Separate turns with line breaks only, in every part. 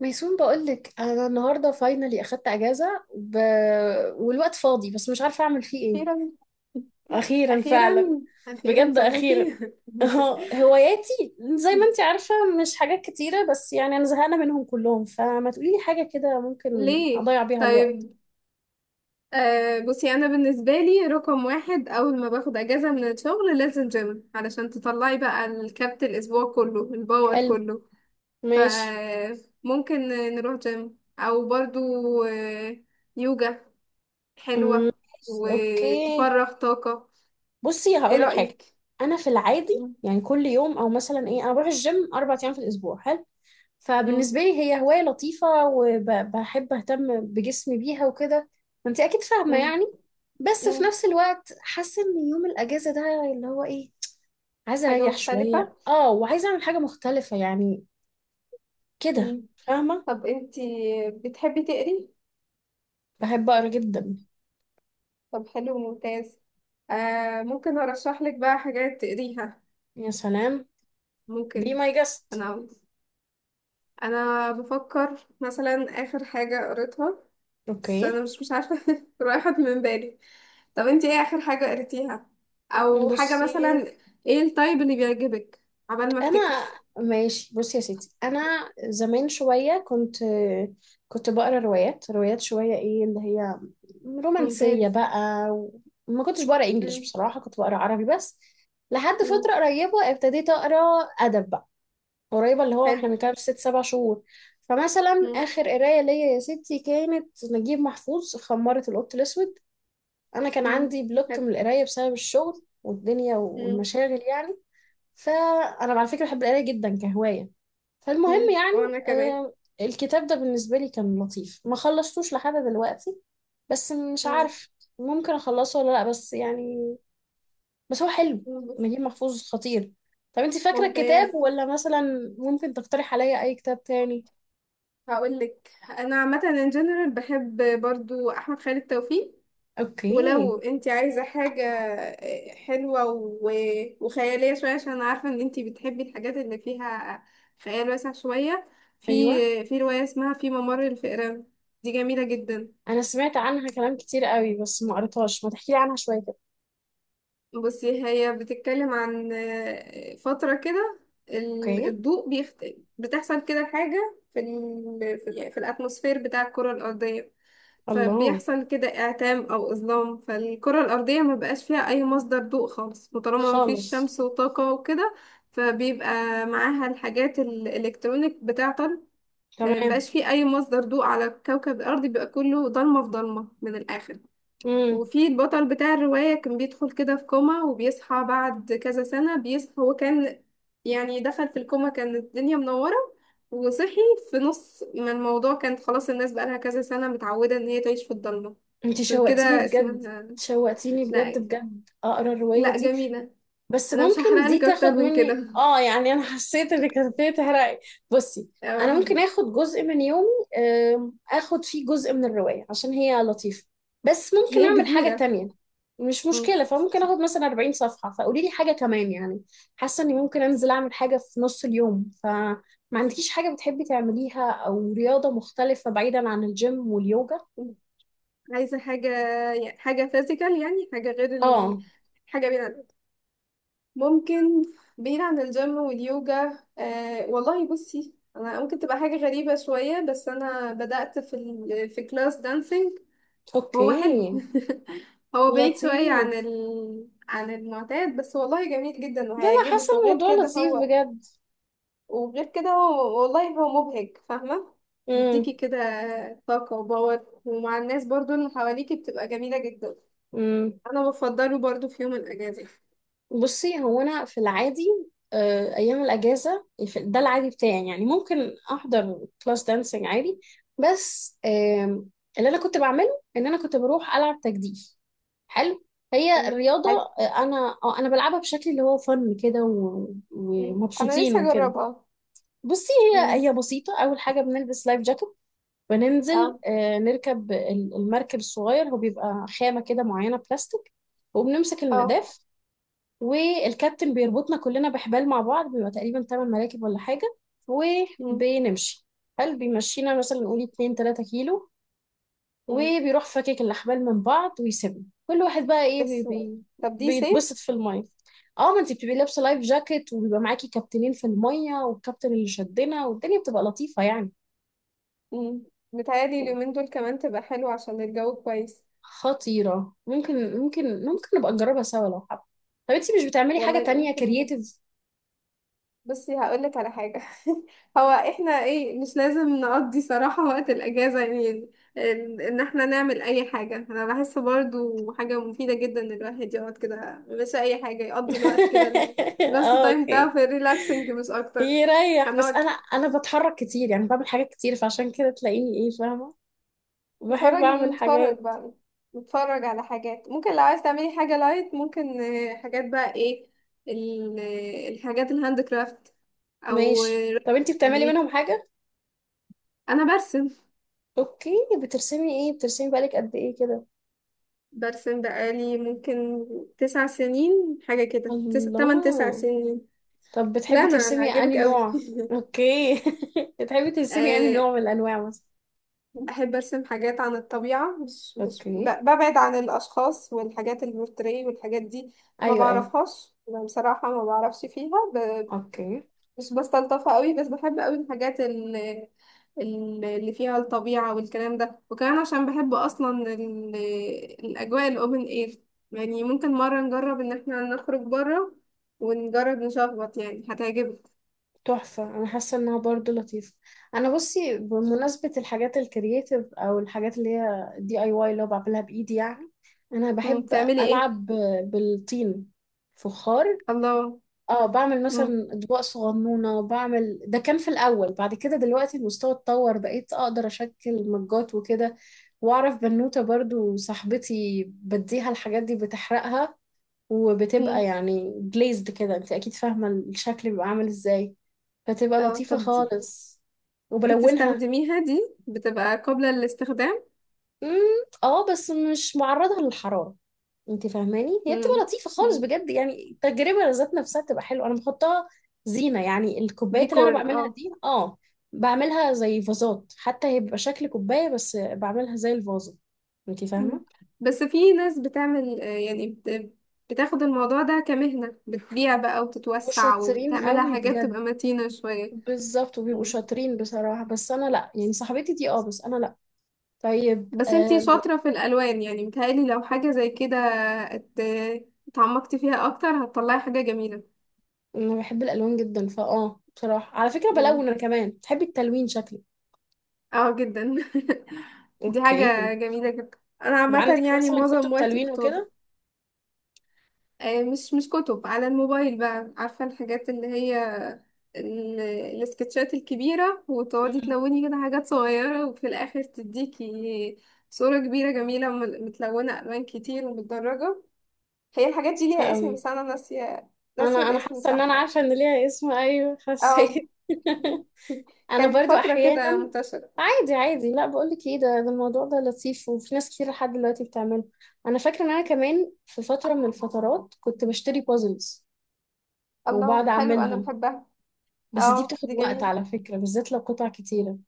ميسون، بقولك انا النهارده فاينلي اخدت اجازه والوقت فاضي، بس مش عارفه اعمل فيه ايه.
أخيرا.
اخيرا
أخيرا.
فعلا.
أخيرا
بجد اخيرا
سابوكي.
اه، هواياتي زي ما انت عارفه مش حاجات كتيره، بس يعني انا زهقانه منهم كلهم، فما تقولي لي حاجه كده ممكن
ليه؟
اضيع بيها الوقت.
طيب. آه بصي، أنا بالنسبة لي رقم واحد أول ما باخد أجازة من الشغل لازم جيم علشان تطلعي بقى الكبت الأسبوع كله، الباور
حلو.
كله.
ماشي.
فممكن نروح جيم، أو برضو آه، يوجا
مم،
حلوة
ماشي، اوكي.
وتفرغ طاقة.
بصي
إيه
هقولك حاجه.
رأيك؟
انا في العادي
مم.
يعني كل يوم او مثلا ايه، انا بروح الجيم 4 ايام في الاسبوع، حلو.
مم.
فبالنسبة لي هي هواية لطيفة وبحب أهتم بجسمي بيها وكده. انت أكيد فاهمة
مم.
يعني. بس في
مم.
نفس الوقت حاسة إن يوم الأجازة ده اللي هو إيه، عايزة
حاجة
أريح
مختلفة؟
شوية، وعايزة أعمل حاجة مختلفة يعني، كده فاهمة.
طب انتي بتحبي تقري؟
بحب أقرأ جدا.
طب حلو، ممتاز. آه ممكن ارشح لك بقى حاجات تقريها.
يا سلام. be
ممكن.
my guest.
انا انا بفكر مثلا اخر حاجة قريتها، بس
أوكي.
انا مش عارفة، راحت من بالي. طب انتي ايه اخر حاجة قريتيها، او حاجة
بصي
مثلا؟ ايه التايب اللي بيعجبك؟ عبال ما افتكر.
انا، ماشي، بصي يا ستي، انا زمان شويه كنت بقرا روايات روايات شويه، ايه اللي هي رومانسيه
ممتاز.
بقى. وما كنتش بقرا انجليش،
مم.
بصراحه كنت بقرا عربي بس. لحد
مم.
فتره قريبه ابتديت اقرا ادب بقى. قريبه اللي هو احنا
حلو.
بنتكلم في 6 7 شهور. فمثلا
مم.
اخر قرايه ليا يا ستي كانت نجيب محفوظ، خمارة القط الاسود. انا كان
مم.
عندي بلوك من
حلو.
القرايه بسبب الشغل والدنيا
مم.
والمشاغل يعني. فانا على فكره بحب القرايه جدا كهوايه. فالمهم
مم. وانا
يعني
كمان.
آه الكتاب ده بالنسبه لي كان لطيف، ما خلصتوش لحد دلوقتي. بس مش
مم.
عارف ممكن اخلصه ولا لا، بس يعني، بس هو حلو.
مم.
نجيب محفوظ خطير. طب انت فاكره الكتاب،
ممتاز.
ولا مثلا ممكن تقترح عليا اي كتاب تاني؟
هقول لك، انا عامه ان جنرال بحب برضو احمد خالد توفيق.
اوكي.
ولو انت عايزه حاجه حلوه وخياليه شويه، عشان أنا عارفه ان انت بتحبي الحاجات اللي فيها خيال واسع شويه. في
ايوه،
في روايه اسمها في ممر الفئران، دي جميله جدا.
انا سمعت عنها كلام كتير قوي بس ما قريتهاش، ما تحكي لي عنها شويه كده.
بصي، هي بتتكلم عن فتره كده،
اوكي.
الضوء بتحصل كده حاجه يعني في الاتموسفير بتاع الكره الارضيه.
الله.
فبيحصل كده إعتام أو إظلام، فالكرة الأرضية ما بقاش فيها أي مصدر ضوء خالص. وطالما ما فيش
خالص.
شمس وطاقة وكده فبيبقى معاها الحاجات الإلكترونيك بتعطل. ما
تمام.
بقاش فيه أي مصدر ضوء على كوكب الأرض، بيبقى كله ضلمة في ضلمة من الآخر. وفي البطل بتاع الرواية كان بيدخل كده في كوما، وبيصحى بعد كذا سنة. بيصحى هو كان يعني دخل في الكوما كانت الدنيا منورة، وصحي في نص ما الموضوع كانت خلاص الناس بقالها كذا سنة متعودة إن هي تعيش في الضلمة.
انتي
عشان
شوقتيني
كده
بجد.
اسمها.
شوقتيني بجد
لا،
بجد اقرا الرواية
لا
دي.
جميلة.
بس
أنا مش
ممكن دي
هحرقلك أكتر
تاخد
من
مني،
كده.
يعني انا حسيت انك هتبتدي تحرقي. بصي انا
آه،
ممكن اخد جزء من يومي، اخد فيه جزء من الرواية عشان هي لطيفة. بس ممكن
هي
اعمل حاجة
كبيرة.
تانية. مش
مم.
مشكلة، فممكن اخد مثلا 40 صفحة، فقولي لي حاجة كمان يعني. حاسة اني ممكن انزل اعمل حاجة في نص اليوم، فما عندكيش حاجة بتحبي تعمليها او رياضة مختلفة بعيدا عن الجيم واليوجا؟
عايزة حاجة، حاجة فيزيكال، يعني حاجة غير
اه.
حاجة. ممكن بعيد عن الجيم واليوجا. آه والله بصي، انا ممكن تبقى حاجة غريبة شوية، بس انا بدأت في كلاس دانسينج. هو
اوكي.
حلو. هو بعيد شوية عن
لطيف.
عن المعتاد، بس والله جميل جدا
لا لا، حاسه
وهيعجبك. وغير
الموضوع
كده
لطيف
هو،
بجد.
وغير كده هو والله هو مبهج، فاهمة؟ بيديكي
امم.
كده طاقة وباور، ومع الناس برضو اللي حواليكي بتبقى جميلة جدا.
امم.
انا بفضله برضو في يوم الاجازة.
بصي هو انا في العادي، ايام الاجازه ده العادي بتاعي، يعني ممكن احضر كلاس دانسينج عادي. بس اللي انا كنت بعمله ان انا كنت بروح العب تجديف. حلو. هي الرياضه.
حاجة-
انا بلعبها بشكل اللي هو فن كده،
انا
ومبسوطين
لسه
وكده.
اجربها.
بصي هي
مم.
هي بسيطه. اول حاجه بنلبس لايف جاكيت. بننزل
اه،
نركب المركب الصغير، هو بيبقى خامة كده معينة، بلاستيك. وبنمسك
اه.
المداف. والكابتن بيربطنا كلنا بحبال مع بعض، بيبقى تقريبا 8 مراكب ولا حاجة.
مم.
وبنمشي، هل بيمشينا مثلا نقول 2 3 كيلو،
مم.
وبيروح فاكك الأحبال من بعض، ويسيبنا كل واحد بقى ايه، بي
بس.
بي.
طب دي صيف.
بيتبسط في المية. اه، ما انت بتبقي لابسه لايف جاكيت وبيبقى معاكي كابتنين في الميه، والكابتن اللي شدنا، والدنيا بتبقى لطيفه يعني.
مم. متهيألي اليومين دول كمان تبقى حلوة عشان الجو كويس.
خطيرة، ممكن نبقى نجربها سوا لو حابة. طب انتي مش بتعملي
والله
حاجة تانية
يمكن
كرييتيف؟
بصي، هقولك على حاجة. هو احنا ايه، مش لازم نقضي صراحة وقت الأجازة يعني ان احنا نعمل اي حاجة. انا بحس برضو حاجة مفيدة جدا ان الواحد يقعد كده، مش اي حاجة يقضي الوقت كده بس
اه،
تايم بتاعه
اوكي.
في الريلاكسنج مش اكتر.
يريح، بس
هنقعد
انا بتحرك كتير يعني، بعمل حاجات كتير، فعشان كده تلاقيني ايه، فاهمة. بحب
نتفرج
اعمل
نتفرج
حاجات.
بقى، نتفرج على حاجات. ممكن لو عايز تعملي حاجة لايت، ممكن حاجات بقى ايه الحاجات الهاند كرافت، او
ماشي، طب انتي بتعملي
تلوين.
منهم حاجة؟
انا برسم.
اوكي. بترسمي ايه؟ بترسمي بقالك قد ايه كده؟
برسم بقالي ممكن 9 سنين، حاجة كده تمن تسع
الله.
سنين
طب
لا
بتحبي
انا
ترسمي انهي
عاجبك قوي.
نوع؟ اوكي. بتحبي ترسمي انهي
آه،
نوع من الانواع مثلا؟
بحب ارسم حاجات عن الطبيعة، مش مش ب-
اوكي.
ببعد عن الاشخاص والحاجات البورتريه والحاجات دي. ما
ايوه ايوه.
بعرفهاش يعني بصراحة، ما بعرفش فيها
اوكي.
مش بستلطفها قوي. بس بحب قوي الحاجات اللي فيها الطبيعة والكلام ده. وكمان عشان بحب أصلا الأجواء الأوبن إير. يعني ممكن مرة نجرب إن احنا نخرج بره ونجرب نشخبط، يعني هتعجبك.
تحفة، أنا حاسة إنها برضو لطيفة. أنا بصي بمناسبة الحاجات الكرياتيف أو الحاجات اللي هي دي أي واي اللي هو بعملها بإيدي يعني، أنا
مم.
بحب
بتعملي ايه؟
ألعب بالطين، فخار.
الله.
اه، بعمل
مم.
مثلا أطباق صغنونة. بعمل ده كان في الأول، بعد كده دلوقتي المستوى اتطور، بقيت أقدر أشكل مجات وكده. وأعرف بنوتة برضو صاحبتي بديها الحاجات دي بتحرقها، وبتبقى
مم.
يعني جليزد كده، انت اكيد فاهمة الشكل بيبقى عامل ازاي. فتبقى
اه،
لطيفة
طب دي
خالص. وبلونها.
بتستخدميها، دي بتبقى قابلة للاستخدام؟
مم، اه، بس مش معرضة للحرارة. انت فاهماني، هي بتبقى
مم.
لطيفة خالص
مم.
بجد، يعني التجربة ذات نفسها بتبقى حلوة. انا بحطها زينة يعني. الكوبايات اللي انا
ديكور،
بعملها
اه.
دي، اه، بعملها زي فازات حتى، هي بيبقى شكل كوباية بس بعملها زي الفازة، انت
مم.
فاهمة.
بس في ناس بتعمل بتاخد الموضوع ده كمهنة، بتبيع بقى
مش
وتتوسع
شاطرين
وبتعملها
قوي
حاجات
بجد.
تبقى متينة شوية.
بالظبط، وبيبقوا
مم.
شاطرين بصراحة، بس أنا لأ يعني، صاحبتي دي، اه، بس أنا لأ. طيب،
بس انتي شاطرة في الألوان، يعني متهيألي لو حاجة زي كده ات- اتعمقتي فيها أكتر هتطلعي حاجة جميلة.
أنا بحب الألوان جدا بصراحة على فكرة
مم.
بلون أنا كمان. بتحبي التلوين شكلي؟
اه جدا. دي
أوكي.
حاجة جميلة جدا. أنا
طب عندك
عامة يعني
مثلا
معظم
كتب
وقتي
تلوين
كنت
وكده؟
مش كتب، على الموبايل بقى، عارفة الحاجات اللي هي ال- السكتشات الكبيرة، وتقعدي
أمم،
تلوني كده حاجات صغيرة، وفي الآخر تديكي صورة كبيرة جميلة متلونة ألوان كتير ومتدرجة. هي الحاجات دي
لطيفة
ليها اسم
أوي.
بس أنا ناسية.
أنا
ناسية
أنا
الاسم
حاسة إن أنا
بتاعها يعني.
عارفة إن ليها اسم، أيوه
اه
حسيت. أنا
كانت
برضو
فترة كده
أحيانا،
منتشرة.
عادي عادي. لأ بقولك إيه، ده الموضوع ده لطيف، وفي ناس كتير لحد دلوقتي بتعمله. أنا فاكرة إن أنا كمان في فترة من الفترات كنت بشتري بازلز،
الله،
وبقعد
حلو. أنا
اعملها،
بحبها.
بس دي
اه،
بتاخد
دي
وقت
جميلة.
على فكرة، بالذات لو قطع كتيرة.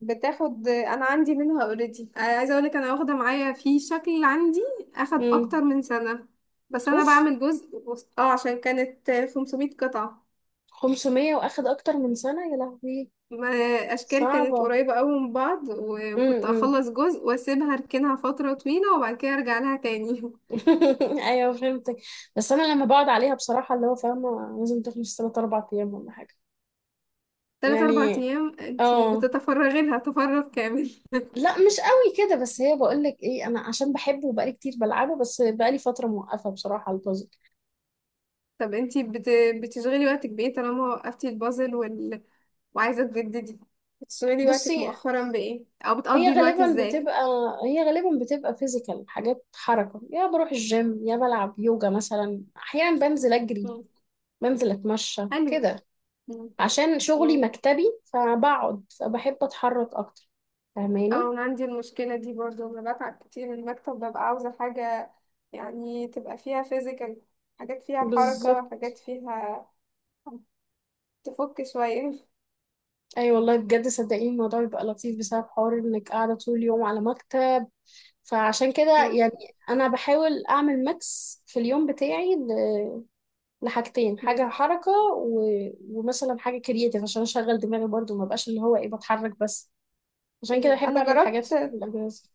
بتاخد. انا عندي منها اوريدي، عايزه اقولك انا واخده معايا، في شكل عندي اخد اكتر
امم.
من سنه. بس انا
اوف.
بعمل جزء اه عشان كانت 500 قطعه.
500 واخد اكتر من سنة، يا لهوي.
ما اشكال كانت
صعبة.
قريبه قوي من بعض، وكنت
امم.
اخلص جزء واسيبها اركنها فتره طويله، وبعد كده ارجع لها تاني.
ايوه فهمتك. بس انا لما بقعد عليها بصراحة اللي هو، فاهمة، لازم تخلص 3 4 ايام ولا حاجة
تلات اربع
يعني.
ايام انتي
اه،
بتتفرغي لها تفرغ كامل.
لا مش قوي كده، بس هي، بقول لك ايه، انا عشان بحبه وبقالي كتير بلعبه، بس بقالي فترة موقفة بصراحة البازل.
طب انتي بتشغلي وقتك بايه طالما وقفتي البازل وعايزه تجددي؟ بتشغلي وقتك
بصي،
مؤخرا بايه، او
هي
بتقضي الوقت
غالبا
ازاي؟
بتبقى هي غالبا بتبقى فيزيكال. حاجات حركة، يا بروح الجيم يا بلعب يوجا مثلا، أحيانا بنزل أجري،
مم.
بنزل أتمشى
حلو.
كده.
مم.
عشان شغلي
مم.
مكتبي فبقعد، فبحب أتحرك أكتر، فاهماني.
او انا عندي المشكله دي برضو، انا بتعب كتير من المكتب، ببقى عاوزه حاجه يعني تبقى فيها فيزيكال، حاجات فيها حركه،
بالظبط.
حاجات فيها تفك شويه.
أي والله بجد صدقيني الموضوع بيبقى لطيف، بسبب حوار إنك قاعدة طول اليوم على مكتب. فعشان كده
مم.
يعني، أنا بحاول أعمل ميكس في اليوم بتاعي لحاجتين،
مم.
حاجة حركة ومثلا حاجة كرياتيف عشان أشغل دماغي برضو، ما بقاش اللي هو إيه بتحرك بس. عشان كده
ايوه
أحب
انا
أعمل حاجات في
جربت
الأجازة.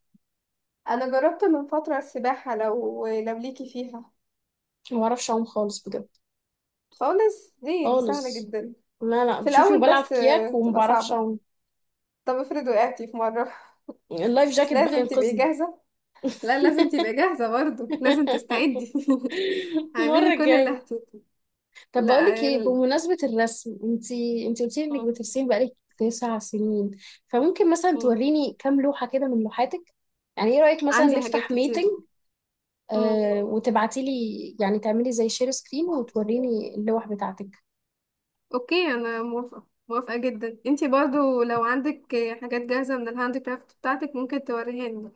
انا جربت من فتره السباحه، لو ليكي فيها.
عشان ما بعرفش أعوم خالص بجد.
خالص دي سهله
خالص.
جدا.
لا لا،
في
بشوفي
الاول
وبلعب
بس
كياك وما
بتبقى
بعرفش
صعبه.
أعوم.
طب افرض وقعتي في مره
اللايف
مش
جاكيت بقى
لازم تبقي
ينقذني.
جاهزه؟ لا، لازم تبقى جاهزة برضو، لازم تستعدي. اعملي
المرة
كل اللي
الجاية.
هتقولي.
طب بقول لك
لا
ايه، بمناسبة الرسم، انتي قلتي لي انك
مم.
بترسمي بقالك 9 سنين. فممكن مثلا
مم.
توريني كام لوحة كده من لوحاتك، يعني ايه رأيك مثلا
عندي حاجات
نفتح
كتير.
ميتنج،
مم.
وتبعتي لي يعني، تعملي زي شير سكرين وتوريني اللوح بتاعتك.
اوكي، انا موافقة، موافقة جدا. انتي برضو لو عندك حاجات جاهزة من الهاند كرافت بتاعتك ممكن توريهاني.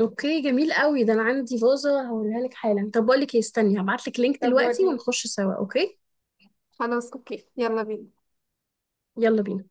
اوكي جميل قوي ده. انا عندي فازة هوريها لك حالا. طب بقول لك ايه، استني هبعت لك لينك
طب
دلوقتي
وريني.
ونخش سوا، اوكي؟
خلاص، اوكي، يلا بينا.
يلا بينا.